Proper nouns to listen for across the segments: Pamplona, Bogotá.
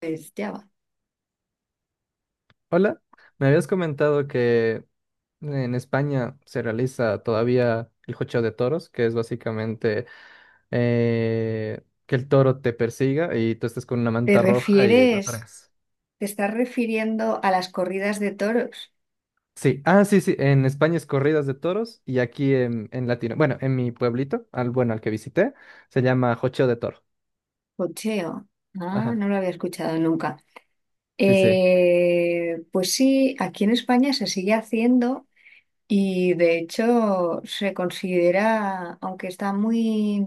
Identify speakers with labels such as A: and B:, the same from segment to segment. A: Pues ya va.
B: Hola, me habías comentado que en España se realiza todavía el jocheo de toros, que es básicamente que el toro te persiga y tú estés con una
A: ¿Te
B: manta roja y lo
A: refieres,
B: toreas.
A: te estás refiriendo a las corridas de toros?
B: Sí, ah, sí, sí, en España es corridas de toros y aquí en Latino, bueno, en mi pueblito, al bueno, al que visité, se llama jocheo de toro.
A: Cocheo. Ah,
B: Ajá,
A: no lo había escuchado nunca.
B: sí, sí.
A: Pues sí, aquí en España se sigue haciendo y de hecho se considera, aunque está muy,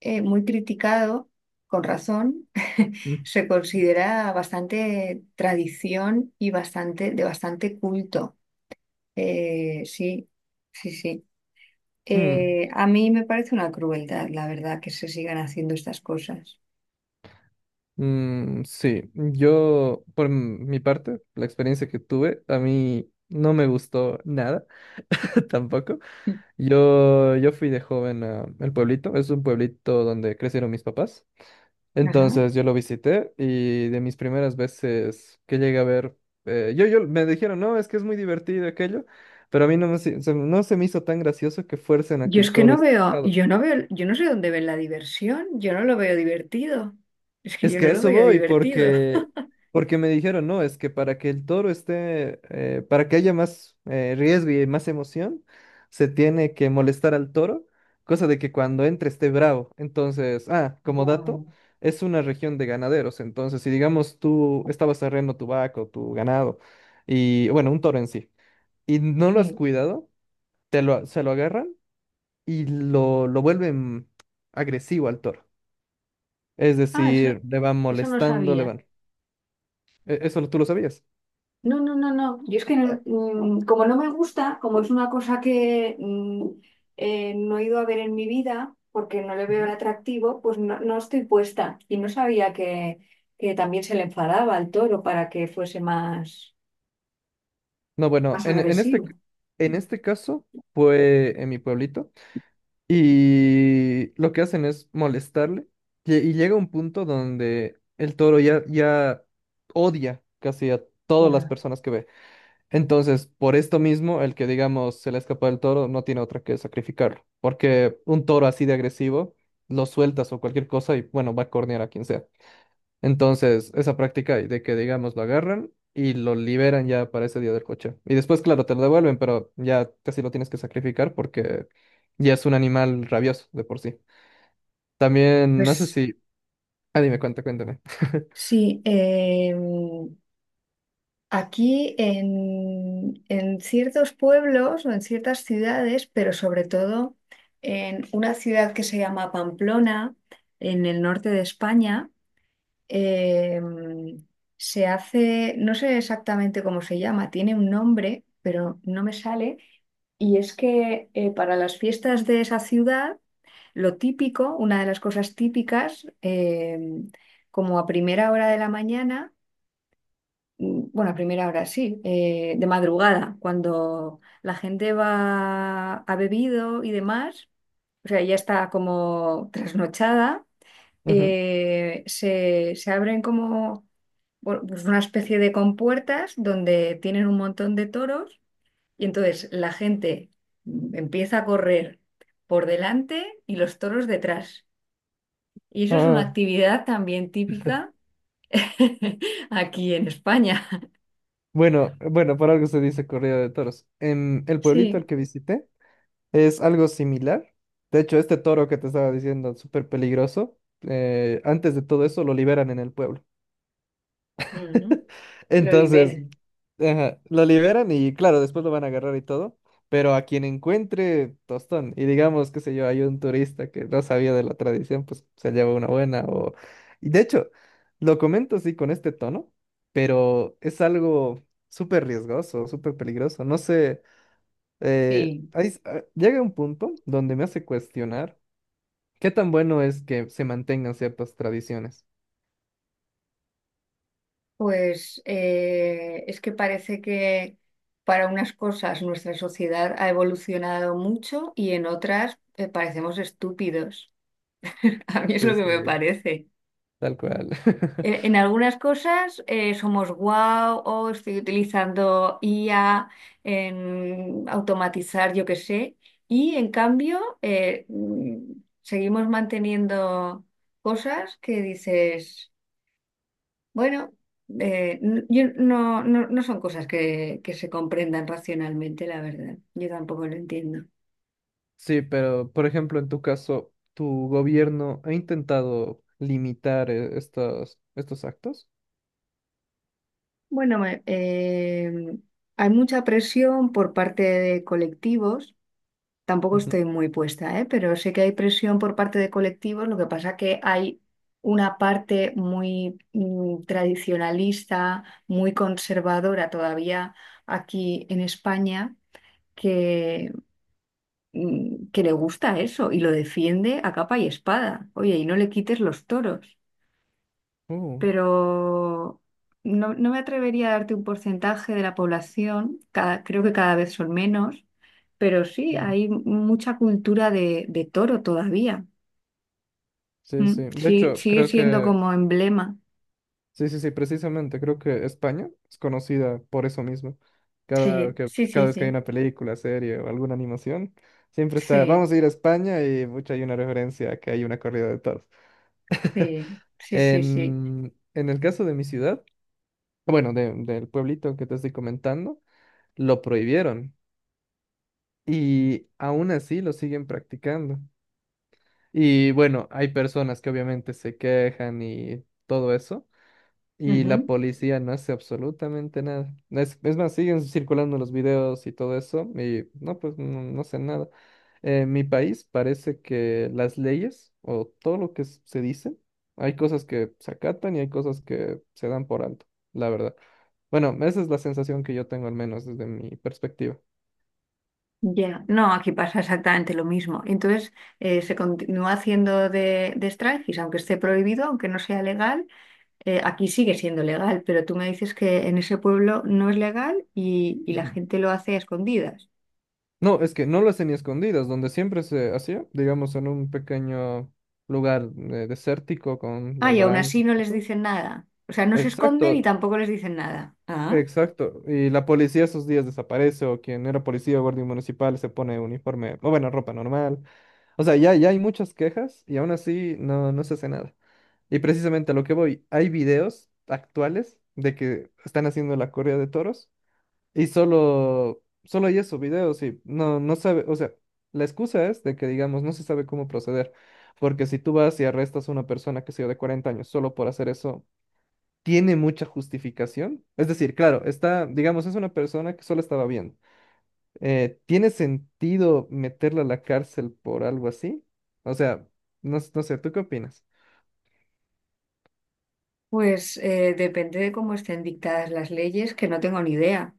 A: eh, muy criticado, con razón,
B: Mm,
A: se considera bastante tradición y bastante, de bastante culto. Sí, sí, sí.
B: mm,
A: A mí me parece una crueldad, la verdad, que se sigan haciendo estas cosas.
B: sí, yo por m- mi parte, la experiencia que tuve, a mí no me gustó nada. Tampoco.
A: Mm.
B: Yo fui de joven a el pueblito. Es un pueblito donde crecieron mis papás.
A: Ajá.
B: Entonces yo lo visité y de mis primeras veces que llegué a ver, yo me dijeron, no, es que es muy divertido aquello, pero a mí no me, se- no se me hizo tan gracioso que fuercen a que
A: Yo es
B: el
A: que
B: toro
A: no
B: esté
A: veo,
B: enojado.
A: yo no veo, yo no sé dónde ven la diversión, yo no lo veo divertido. Es que
B: Es
A: yo
B: que
A: no
B: a
A: lo
B: eso
A: veo
B: voy,
A: divertido.
B: porque me dijeron, no, es que para que el toro esté, para que haya más riesgo y más emoción, se tiene que molestar al toro, cosa de que cuando entre esté bravo. Entonces, como
A: Ya,
B: dato, es una región de ganaderos. Entonces, si digamos tú estabas arreando tu vaca o tu ganado, y bueno, un toro en sí, y no lo has
A: sí.
B: cuidado, te lo, se lo agarran y lo vuelven agresivo al toro. Es
A: Ah, eso,
B: decir, le van
A: eso no
B: molestando, le
A: sabía.
B: van E- Eso lo- tú lo sabías.
A: No, no, no, no. Yo es que
B: Ah,
A: como no me gusta, como es una cosa que no he ido a ver en mi vida porque no le veo el
B: Ujú.
A: atractivo, pues no, no estoy puesta. Y no sabía que también se le enfadaba al toro para que fuese más,
B: No, bueno,
A: más
B: en este,
A: agresivo.
B: c- en este caso fue en mi pueblito y lo que hacen es molestarle y llega un punto donde el toro ya, ya odia casi a todas las
A: Ya.
B: personas que ve. Entonces, por esto mismo, el que digamos se le escapa el toro no tiene otra que sacrificarlo, porque un toro así de agresivo lo sueltas o cualquier cosa y bueno, va a cornear a quien sea. Entonces, esa práctica de que, digamos, lo agarran y lo liberan ya para ese día del coche. Y después, claro, te lo devuelven, pero ya casi lo tienes que sacrificar porque ya es un animal rabioso de por sí. También, no sé
A: Pues
B: si... Ah, dime, cuenta, cuéntame.
A: sí, aquí en ciertos pueblos o en ciertas ciudades, pero sobre todo en una ciudad que se llama Pamplona, en el norte de España, eh, se hace, no sé exactamente cómo se llama, tiene un nombre, pero no me sale, y es que para las fiestas de esa ciudad, lo típico, una de las cosas típicas, como a primera hora de la mañana, bueno, a primera hora sí, de madrugada, cuando la gente va, ha bebido y demás, o sea, ya está como trasnochada,
B: Ujú.
A: se abren como bueno, pues una especie de compuertas donde tienen un montón de toros y entonces la gente empieza a correr por delante y los toros detrás. Y eso es una
B: Ah,
A: actividad también típica aquí en España.
B: bueno, bueno, por algo se dice corrida de toros. En el pueblito al
A: Sí.
B: que visité es algo similar. De hecho, este toro que te estaba diciendo, súper peligroso, antes de todo eso lo liberan en el pueblo.
A: Ujú. Lo
B: Entonces,
A: liberan,
B: Ajá, lo liberan y claro, después lo van a agarrar y todo, pero a quien encuentre tostón, y digamos, qué sé yo, hay un turista que no sabía de la tradición, pues se lleva una buena o... Y de hecho, lo comento así con este tono, pero es algo súper riesgoso, súper peligroso. No sé,
A: sí.
B: hay s- llega un punto donde me hace cuestionar qué tan bueno es que se mantengan ciertas tradiciones.
A: Pues es que parece que para unas cosas nuestra sociedad ha evolucionado mucho y en otras parecemos estúpidos. A mí es lo que me
B: Este,
A: parece.
B: tal cual.
A: En algunas cosas somos guau o estoy utilizando IA en automatizar, yo qué sé, y en cambio seguimos manteniendo cosas que dices. Bueno, yo no son cosas que se comprendan racionalmente, la verdad. Yo tampoco lo entiendo.
B: Sí, pero por ejemplo, en tu caso, ¿tu gobierno ha intentado limitar estos actos?
A: Bueno, hay mucha presión por parte de colectivos. Tampoco
B: Ujú.
A: estoy muy puesta, ¿eh? Pero sé que hay presión por parte de colectivos. Lo que pasa que hay una parte muy tradicionalista, muy conservadora todavía aquí en España. Que que le gusta eso y lo defiende a capa y espada. Oye, y no le quites los toros.
B: Uh,
A: Pero no, no me atrevería a darte un porcentaje de la población, creo que cada vez son menos, pero sí,
B: mm.
A: hay mucha cultura de toro todavía.
B: Sí, sí.
A: Mm,
B: De
A: sí,
B: hecho,
A: sigue
B: creo
A: siendo
B: que,
A: como emblema.
B: sí, sí, sí, precisamente, creo que España es conocida por eso mismo. Cada,
A: Sí,
B: que,
A: sí, sí,
B: cada vez que hay
A: sí,
B: una película, serie o alguna animación, siempre está,
A: sí,
B: vamos a ir a España y mucha hay una referencia a que hay una corrida de toros.
A: sí, sí, sí, sí.
B: En el caso de mi ciudad, bueno, de- del pueblito que te estoy comentando, lo prohibieron. Y aún así lo siguen practicando. Y bueno, hay personas que obviamente se quejan y todo eso, y la
A: Ujú.
B: policía no hace absolutamente nada. Es más, siguen circulando los videos y todo eso, y no, pues no, no hacen nada. En mi país parece que las leyes o todo lo que s- se dice, hay cosas que se acatan y hay cosas que se dan por alto, la verdad. Bueno, esa es la sensación que yo tengo al menos desde mi perspectiva.
A: Ya, no, aquí pasa exactamente lo mismo. Entonces, se continúa haciendo de striptease, aunque esté prohibido, aunque no sea legal, aquí sigue siendo legal, pero tú me dices que en ese pueblo no es legal y la
B: Ujú.
A: gente lo hace a escondidas.
B: No, es que no lo hacen ni escondidas, donde siempre se hacía, digamos, en un pequeño lugar desértico con
A: Ah,
B: las Ah,
A: y aún
B: barandas
A: así
B: sí,
A: no
B: y
A: les
B: eso.
A: dicen nada. O sea, no se esconden y
B: Exacto,
A: tampoco les dicen nada.
B: exacto. Y la policía esos días desaparece, o quien era policía o guardia municipal se pone uniforme, o bueno, ropa normal. O sea, ya, ya hay muchas quejas y aún así no, no se hace nada. Y precisamente a lo que voy, hay videos actuales de que están haciendo la corrida de toros y solo, solo hay esos videos y no, no sabe, o sea, la excusa es de que, digamos, no se sabe cómo proceder, porque si tú vas y arrestas a una persona que sea de 40 años solo por hacer eso, ¿tiene mucha justificación? Es decir, claro, está, digamos, es una persona que solo estaba viendo. ¿Tiene sentido meterla a la cárcel por algo así? O sea, no, s- no sé, ¿tú qué opinas?
A: Depende de cómo estén dictadas las leyes, que no tengo ni idea.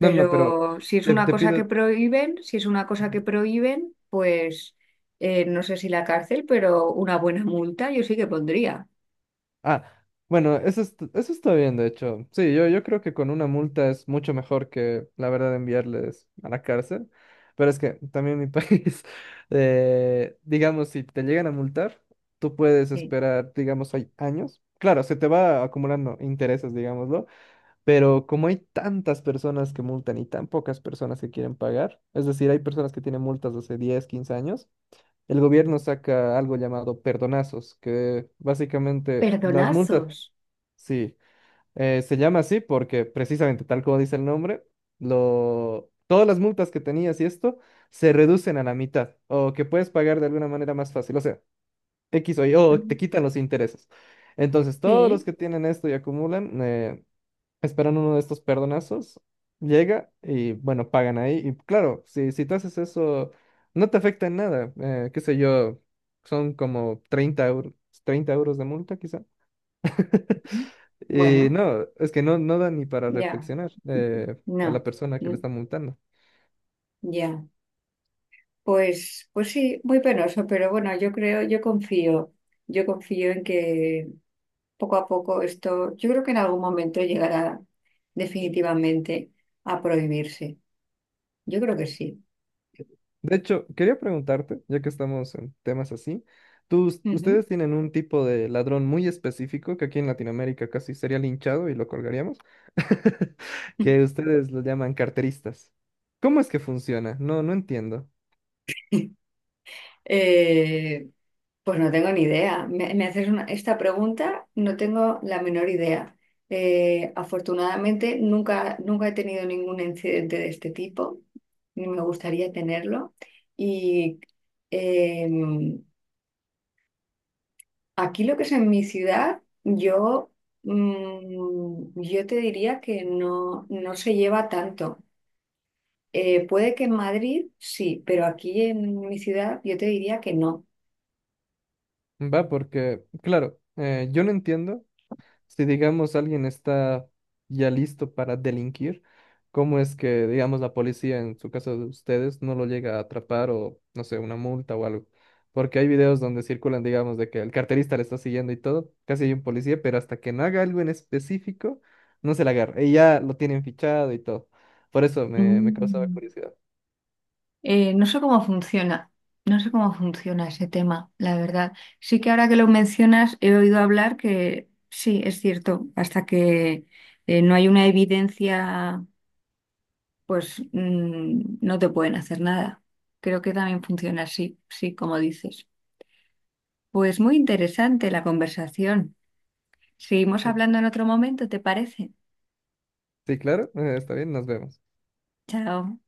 B: No, no, no, pero
A: si es
B: te,
A: una
B: te
A: cosa
B: pido...
A: que prohíben, si es una cosa que prohíben, pues no sé si la cárcel, pero una buena multa yo sí que pondría.
B: Ah, bueno, eso, est- eso está bien, de hecho. Sí, yo creo que con una multa es mucho mejor que, la verdad, enviarles a la cárcel. Pero es que también mi país, digamos, si te llegan a multar, tú puedes
A: Sí.
B: esperar, digamos, hay años. Claro, se te va acumulando intereses, digámoslo, pero como hay tantas personas que multan y tan pocas personas que quieren pagar, es decir, hay personas que tienen multas de hace 10, 15 años, el gobierno saca algo llamado perdonazos, que básicamente las multas,
A: Perdonazos.
B: sí, se llama así porque precisamente tal como dice el nombre, lo, todas las multas que tenías y esto se reducen a la mitad o que puedes pagar de alguna manera más fácil, o sea, X o Y, o
A: Ujú.
B: te quitan los intereses. Entonces, todos los
A: Sí.
B: que tienen esto y acumulan, esperan uno de estos perdonazos, llega y bueno, pagan ahí. Y claro, si, si tú haces eso, no te afecta en nada. Qué sé yo, son como 30 euros, 30 euros de multa quizá.
A: Ujú.
B: Y
A: Bueno,
B: no, es que no, no da ni para
A: ya,
B: reflexionar a la
A: no,
B: persona que
A: mm,
B: le está multando.
A: ya. Pues sí, muy penoso, pero bueno, yo confío en que poco a poco esto, yo creo que en algún momento llegará definitivamente a prohibirse. Yo creo que sí.
B: De hecho, quería preguntarte, ya que estamos en temas así, ¿tus-
A: Ujú.
B: ustedes tienen un tipo de ladrón muy específico que aquí en Latinoamérica casi sería linchado y lo colgaríamos, que ustedes lo llaman carteristas? ¿Cómo es que funciona? No, no entiendo.
A: Eh, pues no tengo ni idea. Esta pregunta, no tengo la menor idea. Afortunadamente nunca he tenido ningún incidente de este tipo, ni me gustaría tenerlo. Y eh, aquí lo que es en mi ciudad, yo te diría que no, no se lleva tanto. Puede que en Madrid sí, pero aquí en mi ciudad yo te diría que no.
B: Va, porque, claro, yo no entiendo si digamos alguien está ya listo para delinquir, ¿cómo es que, digamos, la policía, en su caso de ustedes, no lo llega a atrapar o, no sé, una multa o algo? Porque hay videos donde circulan, digamos, de que el carterista le está siguiendo y todo, casi hay un policía, pero hasta que no haga algo en específico, no se la agarra. Y ya lo tienen fichado y todo. Por eso me, me causaba
A: Mm.
B: curiosidad.
A: No sé cómo funciona, no sé cómo funciona ese tema, la verdad. Sí que ahora que lo mencionas he oído hablar que sí, es cierto, hasta que no hay una evidencia, pues no te pueden hacer nada. Creo que también funciona así, sí, como dices. Pues muy interesante la conversación. Seguimos
B: Mm.
A: hablando en otro momento, ¿te parece?
B: Sí, claro, está bien, nos vemos.
A: Chao.